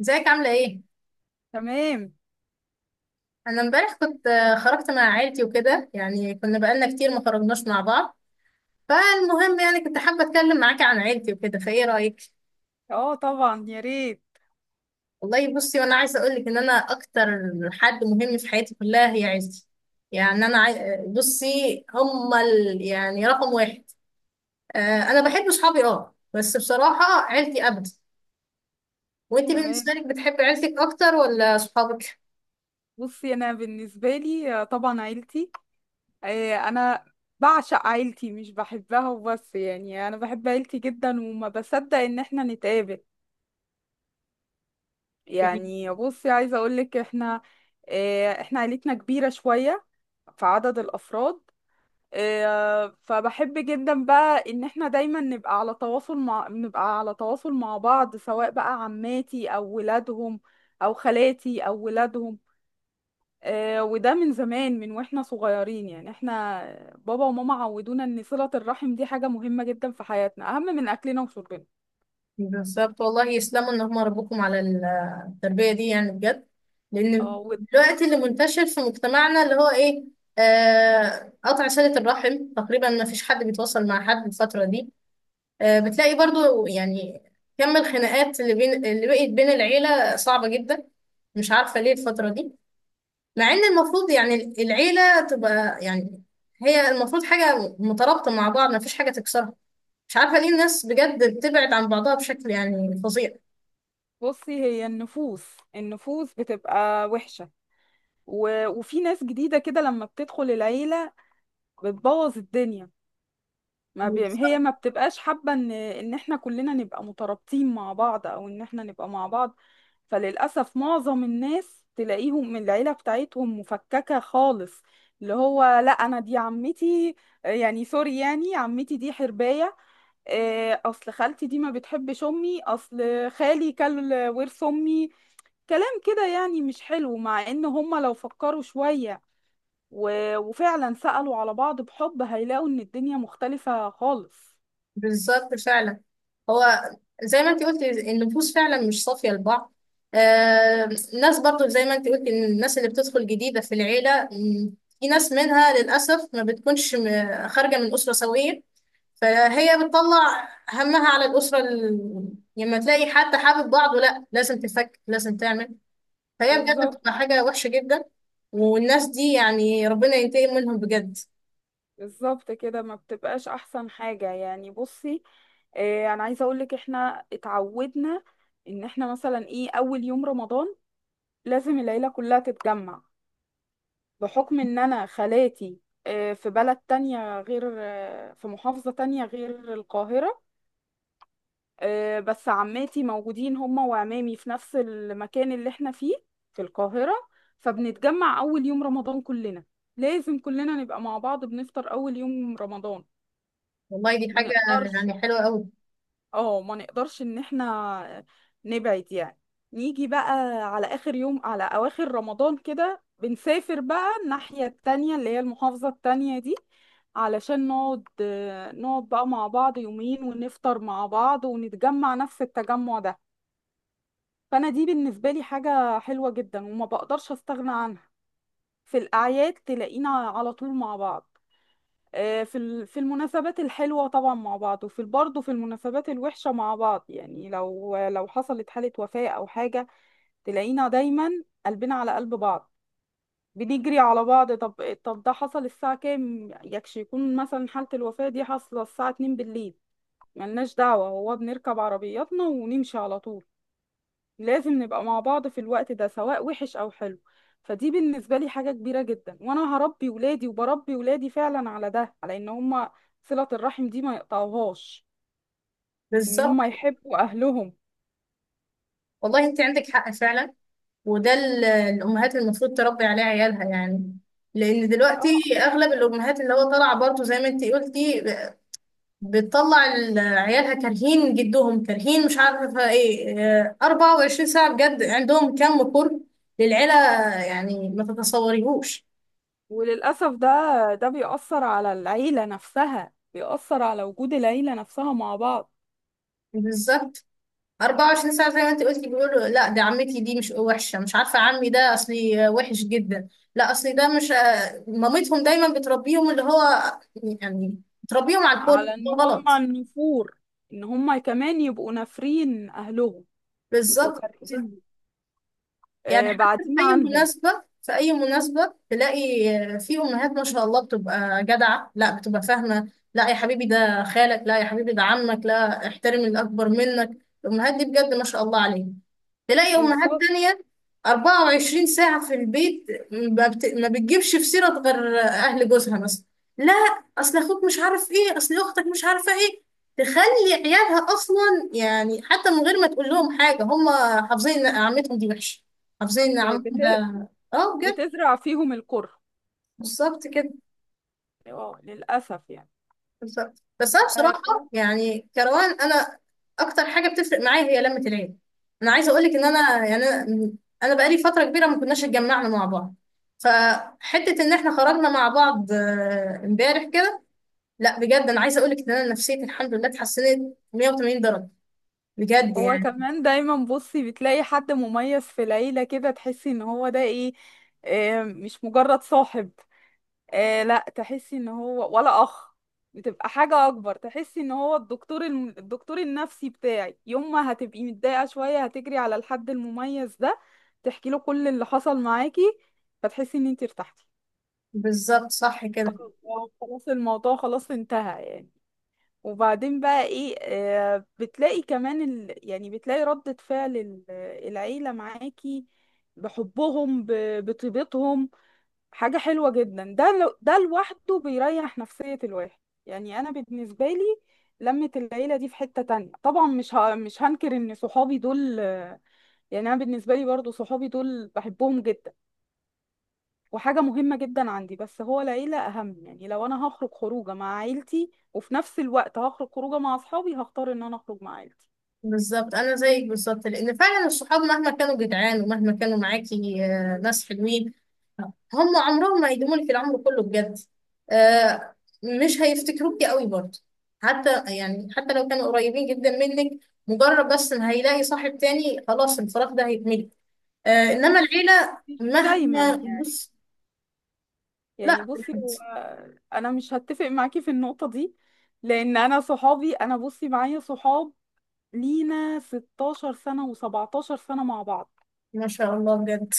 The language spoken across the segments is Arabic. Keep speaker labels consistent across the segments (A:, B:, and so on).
A: ازيك عاملة ايه؟
B: تمام.
A: أنا امبارح كنت خرجت مع عيلتي وكده، يعني كنا بقالنا كتير ما خرجناش مع بعض. فالمهم يعني كنت حابة أتكلم معاكي عن عيلتي وكده، فايه رأيك؟
B: اه، طبعا يا ريت.
A: والله بصي، وأنا عايزة أقولك إن أنا أكتر حد مهم في حياتي كلها هي عيلتي. يعني أنا عاي... آه، بصي، هما يعني رقم واحد. أنا بحب صحابي، اه، بس بصراحة عيلتي أبدا. وأنت بالنسبة
B: تمام.
A: لك بتحبي عيلتك أكتر ولا صحابك؟
B: بصي، انا بالنسبه لي، طبعا عيلتي. انا بعشق عيلتي مش بحبها وبس، يعني انا بحب عيلتي جدا وما بصدق ان احنا نتقابل. يعني بصي، عايزه اقول لك احنا احنا عيلتنا كبيره شويه في عدد الافراد. فبحب جدا بقى ان احنا دايما نبقى على تواصل مع بعض، سواء بقى عماتي او ولادهم او خالاتي او ولادهم. وده من زمان، من واحنا صغيرين، يعني احنا بابا وماما عودونا ان صلة الرحم دي حاجة مهمة جدا في حياتنا، اهم من اكلنا وشربنا.
A: بالظبط، والله يسلموا ان هم ربوكم على التربيه دي، يعني بجد. لان
B: اه.
A: دلوقتي اللي منتشر في مجتمعنا اللي هو ايه، قطع صله الرحم. تقريبا ما فيش حد بيتواصل مع حد الفتره دي. بتلاقي برضو يعني كم الخناقات اللي بين، اللي بقت بين العيله، صعبه جدا. مش عارفه ليه الفتره دي، مع ان المفروض يعني العيله تبقى، يعني هي المفروض حاجه مترابطه مع بعض، ما فيش حاجه تكسرها. مش عارفه ليه الناس بجد بتبعد عن بعضها بشكل يعني فظيع.
B: وبصي، هي النفوس بتبقى وحشة. وفي ناس جديدة كده لما بتدخل العيلة بتبوظ الدنيا. ما بي... هي
A: بالظبط،
B: ما بتبقاش حابة ان احنا كلنا نبقى مترابطين مع بعض، او ان احنا نبقى مع بعض. فللأسف معظم الناس تلاقيهم من العيلة بتاعتهم مفككة خالص. اللي هو، لا انا دي عمتي، يعني سوري، يعني عمتي دي حرباية. اصل خالتي دي ما بتحبش امي، اصل خالي كل ورث امي. كلام كده يعني مش حلو، مع ان هما لو فكروا شوية وفعلا سألوا على بعض بحب، هيلاقوا ان الدنيا مختلفة خالص.
A: بالظبط فعلا. هو زي ما انت قلت، النفوس فعلا مش صافية لبعض. آه ناس برضو زي ما انت قلت ان الناس اللي بتدخل جديدة في العيلة، في ناس منها للأسف ما بتكونش خارجة من أسرة سوية، فهي بتطلع همها على الأسرة يعني لما تلاقي حد حابب بعضه، لا لازم تفك، لازم تعمل. فهي بجد
B: بالظبط.
A: بتبقى حاجة وحشة جدا. والناس دي يعني ربنا ينتقم منهم بجد.
B: بالظبط كده، ما بتبقاش احسن حاجة. يعني بصي، انا عايزة اقولك احنا اتعودنا ان احنا مثلا ايه، اول يوم رمضان لازم العيلة كلها تتجمع. بحكم ان انا خالاتي في بلد تانية، غير في محافظة تانية غير القاهرة. بس عماتي موجودين هما وعمامي في نفس المكان اللي احنا فيه في القاهرة. فبنتجمع اول يوم رمضان كلنا، لازم كلنا نبقى مع بعض، بنفطر اول يوم رمضان،
A: والله دي
B: ما
A: حاجة
B: نقدرش.
A: يعني حلوة قوي.
B: اه، ما نقدرش ان احنا نبعد يعني. نيجي بقى على اخر يوم، على اواخر رمضان كده بنسافر بقى الناحية التانية اللي هي المحافظة التانية دي، علشان نقعد، نقعد بقى مع بعض يومين ونفطر مع بعض، ونتجمع نفس التجمع ده. فانا دي بالنسبة لي حاجة حلوة جدا وما بقدرش استغنى عنها. في الاعياد تلاقينا على طول مع بعض، في ال- في المناسبات الحلوة طبعا مع بعض، وفي برضه في المناسبات الوحشة مع بعض، يعني لو حصلت حالة وفاة أو حاجة تلاقينا دايما قلبنا على قلب بعض، بنجري على بعض. طب ده حصل الساعة كام؟ يكون مثلا حالة الوفاة دي حاصلة الساعة 2 بالليل، ملناش دعوة، هو بنركب عربياتنا ونمشي على طول. لازم نبقى مع بعض في الوقت ده سواء وحش أو حلو. فدي بالنسبة لي حاجة كبيرة جدا، وأنا هربي ولادي وبربي ولادي فعلا على ده، على إن هما صلة الرحم دي ما يقطعوهاش، إن
A: بالظبط،
B: هما يحبوا أهلهم.
A: والله انت عندك حق فعلا. وده الامهات المفروض تربي عليه عيالها، يعني لان
B: اه.
A: دلوقتي اغلب الامهات اللي هو طالعه برضو زي ما انت قلتي، بتطلع عيالها كارهين جدهم، كارهين، مش عارفه ايه. اه، 24 ساعه بجد عندهم كم قرب للعيله، يعني ما تتصوريهوش.
B: وللأسف ده، بيأثر على العيلة نفسها، بيأثر على وجود العيلة نفسها مع بعض.
A: بالظبط، 24 ساعة زي ما انت قلتي بيقولوا: لا ده عمتي دي مش وحشة، مش عارفة عمي ده اصلي وحش جدا، لا اصلي ده مش، مامتهم دايما بتربيهم اللي هو، يعني بتربيهم على الكل
B: على إن
A: ده
B: هما
A: غلط.
B: النفور، إن هما كمان يبقوا نافرين أهلهم، يبقوا
A: بالظبط.
B: كارهين،
A: يعني حتى
B: بعدين
A: في اي
B: عنهم.
A: مناسبة، في اي مناسبة تلاقي، في امهات ما شاء الله بتبقى جدعة، لا بتبقى فاهمة: لا يا حبيبي ده خالك، لا يا حبيبي ده عمك، لا احترم الاكبر منك. الامهات دي بجد ما شاء الله عليهم. تلاقي امهات
B: بالظبط.
A: تانية 24 ساعة في البيت، ما بتجيبش في سيرة غير اهل جوزها مثلا. لا اصل اخوك مش عارف ايه، اصل اختك مش عارفة ايه. تخلي عيالها اصلا، يعني حتى من غير ما تقول لهم حاجة، هم حافظين ان عمتهم دي وحشة، حافظين ان عمتهم ده.
B: بت-
A: اه، بجد.
B: بتزرع فيهم الكره.
A: بالظبط كده.
B: اه، للأسف يعني.
A: بالظبط، بس انا
B: آه،
A: بصراحه يعني كروان. انا اكتر حاجه بتفرق معايا هي لمه العيله. انا عايزه اقول لك ان انا، يعني انا، أنا بقالي فتره كبيره ما كناش اتجمعنا مع بعض، فحته ان احنا خرجنا مع بعض امبارح كده، لا بجد انا عايزه اقول لك ان انا نفسيتي الحمد لله اتحسنت 180 درجه، بجد
B: هو
A: يعني.
B: كمان دايما بصي بتلاقي حد مميز في العيلة كده، تحسي ان هو ده ايه، مش مجرد صاحب، لا تحسي ان هو ولا اخ، بتبقى حاجة اكبر. تحسي ان هو الدكتور الدكتور النفسي بتاعي، يوم ما هتبقي متضايقة شوية هتجري على الحد المميز ده، تحكي له كل اللي حصل معاكي، فتحسي ان انتي ارتحتي،
A: بالظبط، صح كده.
B: خلاص. خلاص الموضوع خلاص انتهى يعني. وبعدين بقى ايه، بتلاقي كمان يعني بتلاقي ردة فعل العيلة معاكي، بحبهم بطيبتهم، حاجة حلوة جدا. ده لوحده بيريح نفسية الواحد. يعني انا بالنسبة لي، لمة العيلة دي في حتة تانية طبعا. مش هنكر ان صحابي دول، يعني انا بالنسبة لي برضو صحابي دول بحبهم جدا، وحاجة مهمة جدا عندي، بس هو العيلة أهم. يعني لو أنا هخرج خروجة مع عيلتي وفي نفس الوقت هخرج خروجة مع أصحابي، هختار إن أنا أخرج مع عيلتي.
A: بالظبط، انا زيك بالظبط، لان فعلا الصحاب مهما كانوا جدعان ومهما كانوا معاكي ناس حلوين، هم عمرهم ما هيدوموا لي في العمر كله بجد. آه مش هيفتكروكي قوي برضه، حتى يعني حتى لو كانوا قريبين جدا منك، مجرد بس ان هيلاقي صاحب تاني خلاص الفراغ ده هيتملي. انما
B: بص،
A: العيلة
B: مش دايما
A: مهما
B: يعني،
A: بص.
B: يعني
A: لا،
B: بصي
A: بالحمد
B: هو، أنا مش هتفق معاكي في النقطة دي، لأن أنا صحابي، أنا بصي معايا صحاب لينا 16 سنة و17 سنة مع بعض.
A: ما شاء الله بجد.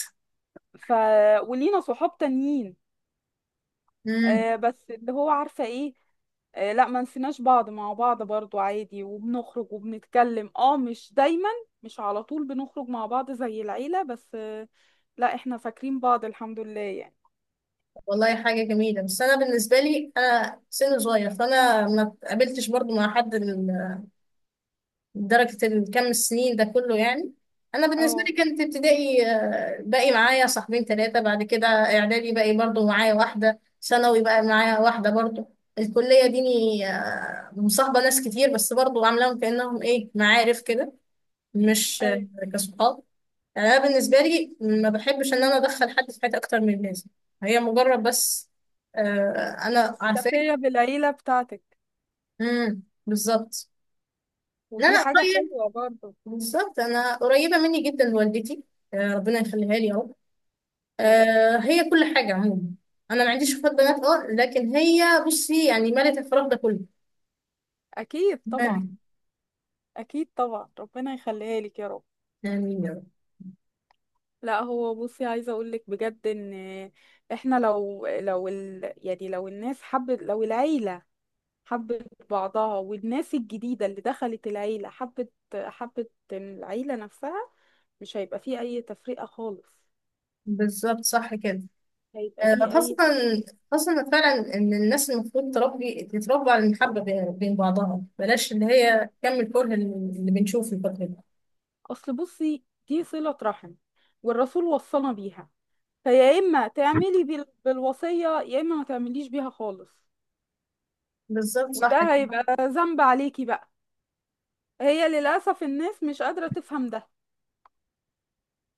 B: ف، ولينا صحاب تانيين،
A: امم.
B: آه، بس اللي هو عارفة ايه، آه لا ما نسيناش بعض، مع بعض برضو عادي وبنخرج وبنتكلم. اه، مش دايما، مش على طول بنخرج مع بعض زي العيلة، بس آه، لا احنا فاكرين بعض الحمد لله يعني.
A: والله حاجة جميلة، بس انا بالنسبة لي انا سن صغير، فانا ما اتقابلتش برضه مع حد درجة الكم السنين ده كله، يعني أنا بالنسبة لي
B: اه.
A: كانت ابتدائي باقي معايا صاحبين ثلاثة، بعد كده إعدادي باقي برضو معايا واحدة، ثانوي بقى معايا واحدة برضو، الكلية ديني مصاحبة ناس كتير بس برضو عاملاهم كأنهم إيه، معارف كده، مش
B: ايوه.
A: كصحاب. يعني أنا بالنسبة لي ما بحبش إن أنا أدخل حد في حياتي أكتر من لازم. هي مجرد بس أنا عارفاك.
B: تفرية بالعيلة بتاعتك،
A: امم، بالظبط. لا،
B: ودي
A: لا،
B: حاجة حلوة برضو.
A: بالظبط انا قريبه مني جدا والدتي. ربنا يخليها لي يا رب.
B: يا رب.
A: هي كل حاجه عموما. انا ما عنديش اخوات بنات، اه، لكن هي بصي يعني مالت الفراغ ده كله.
B: اكيد طبعا.
A: امين.
B: اكيد طبعا، ربنا يخليها لك يا رب.
A: آمين يا رب.
B: لا هو بصي، عايزة اقولك بجد ان احنا لو يعني لو الناس حبت، لو العيلة حبت بعضها، والناس الجديدة اللي دخلت العيلة حبت العيلة نفسها، مش هيبقى فيه أي تفرقة خالص،
A: بالظبط، صح كده.
B: هيبقى فيه
A: خاصه،
B: أي.
A: خاصه فعلا ان الناس المفروض تربي، تتربى على المحبه بين بعضها، بلاش اللي هي كم الكره اللي بنشوفه الفتره دي.
B: أصل بصي دي صلة رحم، والرسول وصانا بيها. فيا إما تعملي بالوصية، يا إما ما تعمليش بيها خالص.
A: بالظبط، صح كده.
B: وده هيبقى ذنب عليكي بقى. هي للأسف الناس مش قادرة تفهم ده.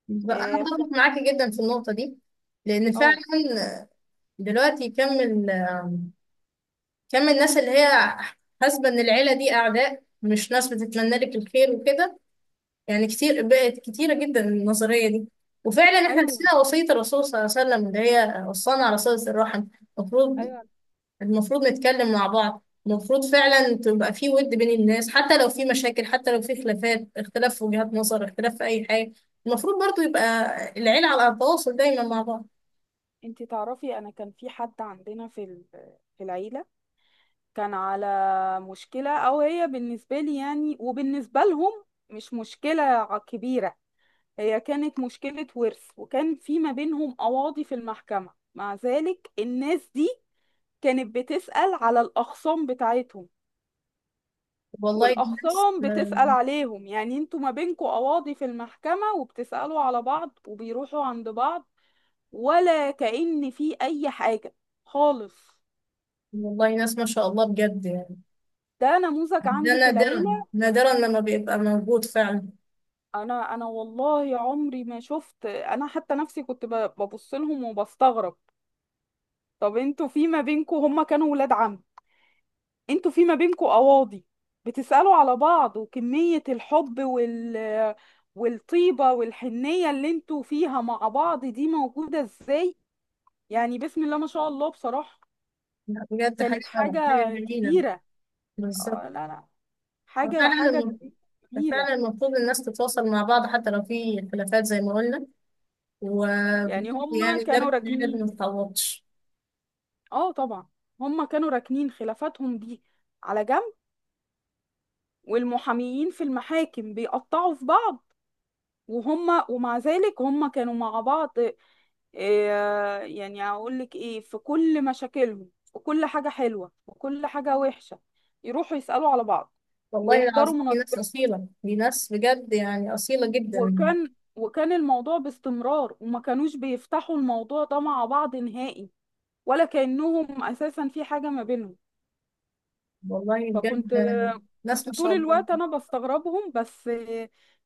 A: بالظبط. انا
B: إيه، ف-
A: اتفق معاكي جدا في النقطه دي، لان
B: اه.
A: فعلا دلوقتي كم كم من الناس اللي هي حاسبة إن العيلة دي أعداء، مش ناس بتتمنى لك الخير وكده. يعني كتير، بقت كتيرة جدا النظرية دي. وفعلا احنا
B: أيوه.
A: نسينا وصية الرسول صلى الله عليه وسلم اللي هي وصانا على صلة الرحم. المفروض
B: أيوه،
A: المفروض نتكلم مع بعض، المفروض فعلا تبقى في ود بين الناس، حتى لو في مشاكل، حتى لو في خلافات، اختلاف في وجهات نظر، اختلاف في أي حاجة، المفروض برضو يبقى العيلة على تواصل دايما مع بعض.
B: انتي تعرفي أنا كان في حد عندنا في العيلة، كان على مشكلة، أو هي بالنسبة لي يعني وبالنسبة لهم مش مشكلة كبيرة. هي كانت مشكلة ورث، وكان في ما بينهم قواضي في المحكمة. مع ذلك الناس دي كانت بتسأل على الأخصام بتاعتهم،
A: والله الناس
B: والأخصام بتسأل عليهم. يعني انتوا ما بينكوا قواضي في المحكمة وبتسألوا على بعض، وبيروحوا عند بعض، ولا كأن في أي حاجة خالص.
A: والله ناس ما شاء الله بجد يعني.
B: ده نموذج
A: ده
B: عندي في
A: نادرا،
B: العيلة.
A: نادرا لما بيبقى موجود فعلا.
B: انا والله عمري ما شفت، انا حتى نفسي كنت ببص لهم وبستغرب. طب انتوا في ما بينكم، هما كانوا ولاد عم، انتوا في ما بينكم قواضي بتسألوا على بعض؟ وكمية الحب وال، والطيبة والحنية اللي انتوا فيها مع بعض دي موجودة ازاي؟ يعني بسم الله ما شاء الله بصراحة.
A: لا بجد حاجة
B: كانت حاجة
A: حاجة جميلة.
B: كبيرة.
A: بالظبط.
B: آه، لا لا،
A: فعلا
B: حاجة جميلة.
A: المفروض الناس تتواصل مع بعض، حتى لو في خلافات زي ما قلنا، ويعني
B: يعني هما
A: ده
B: كانوا
A: بجد ما
B: راكنين.
A: يتعوضش.
B: اه طبعا، هما كانوا راكنين خلافاتهم دي على جنب، والمحاميين في المحاكم بيقطعوا في بعض، وهما، ومع ذلك هما كانوا مع بعض. يعني اقول لك ايه، في كل مشاكلهم، في كل حاجة حلوة وكل حاجة وحشة يروحوا يسألوا على بعض،
A: والله
B: ويحضروا
A: العظيم في ناس
B: مناسبات.
A: أصيلة، في ناس بجد يعني أصيلة جدا.
B: وكان الموضوع باستمرار، وما كانوش بيفتحوا الموضوع ده مع بعض نهائي، ولا كأنهم أساسا في حاجة ما بينهم.
A: والله بجد،
B: فكنت
A: ناس
B: كنت
A: ما
B: طول
A: شاء الله.
B: الوقت انا بستغربهم بس،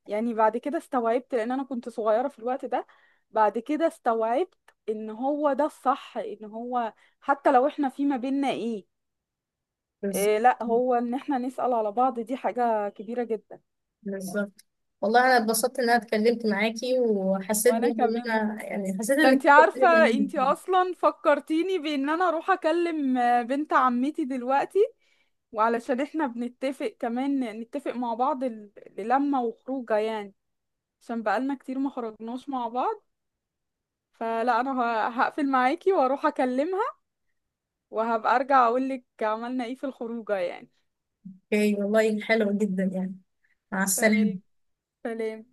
B: يعني بعد كده استوعبت لان انا كنت صغيرة في الوقت ده. بعد كده استوعبت ان هو ده الصح، ان هو حتى لو احنا في ما بيننا ايه،
A: بالظبط.
B: إيه، لا، هو ان احنا نسأل على بعض دي حاجة كبيرة جدا.
A: بالظبط، والله أنا اتبسطت إن أنا اتكلمت معاكي، وحسيت
B: وانا
A: برضه إن
B: كمان،
A: أنا يعني حسيت
B: ده
A: إنك،
B: انت عارفة انت اصلا فكرتيني بان انا اروح اكلم بنت عمتي دلوقتي، وعلشان احنا بنتفق كمان نتفق مع بعض للمة وخروجه يعني، عشان بقالنا كتير ما خرجناش مع بعض. فلا انا هقفل معاكي واروح اكلمها، وهبقى ارجع اقولك عملنا ايه في الخروجه يعني.
A: اوكي، والله حلو جدا يعني. مع
B: تمام،
A: السلامة.
B: سلام.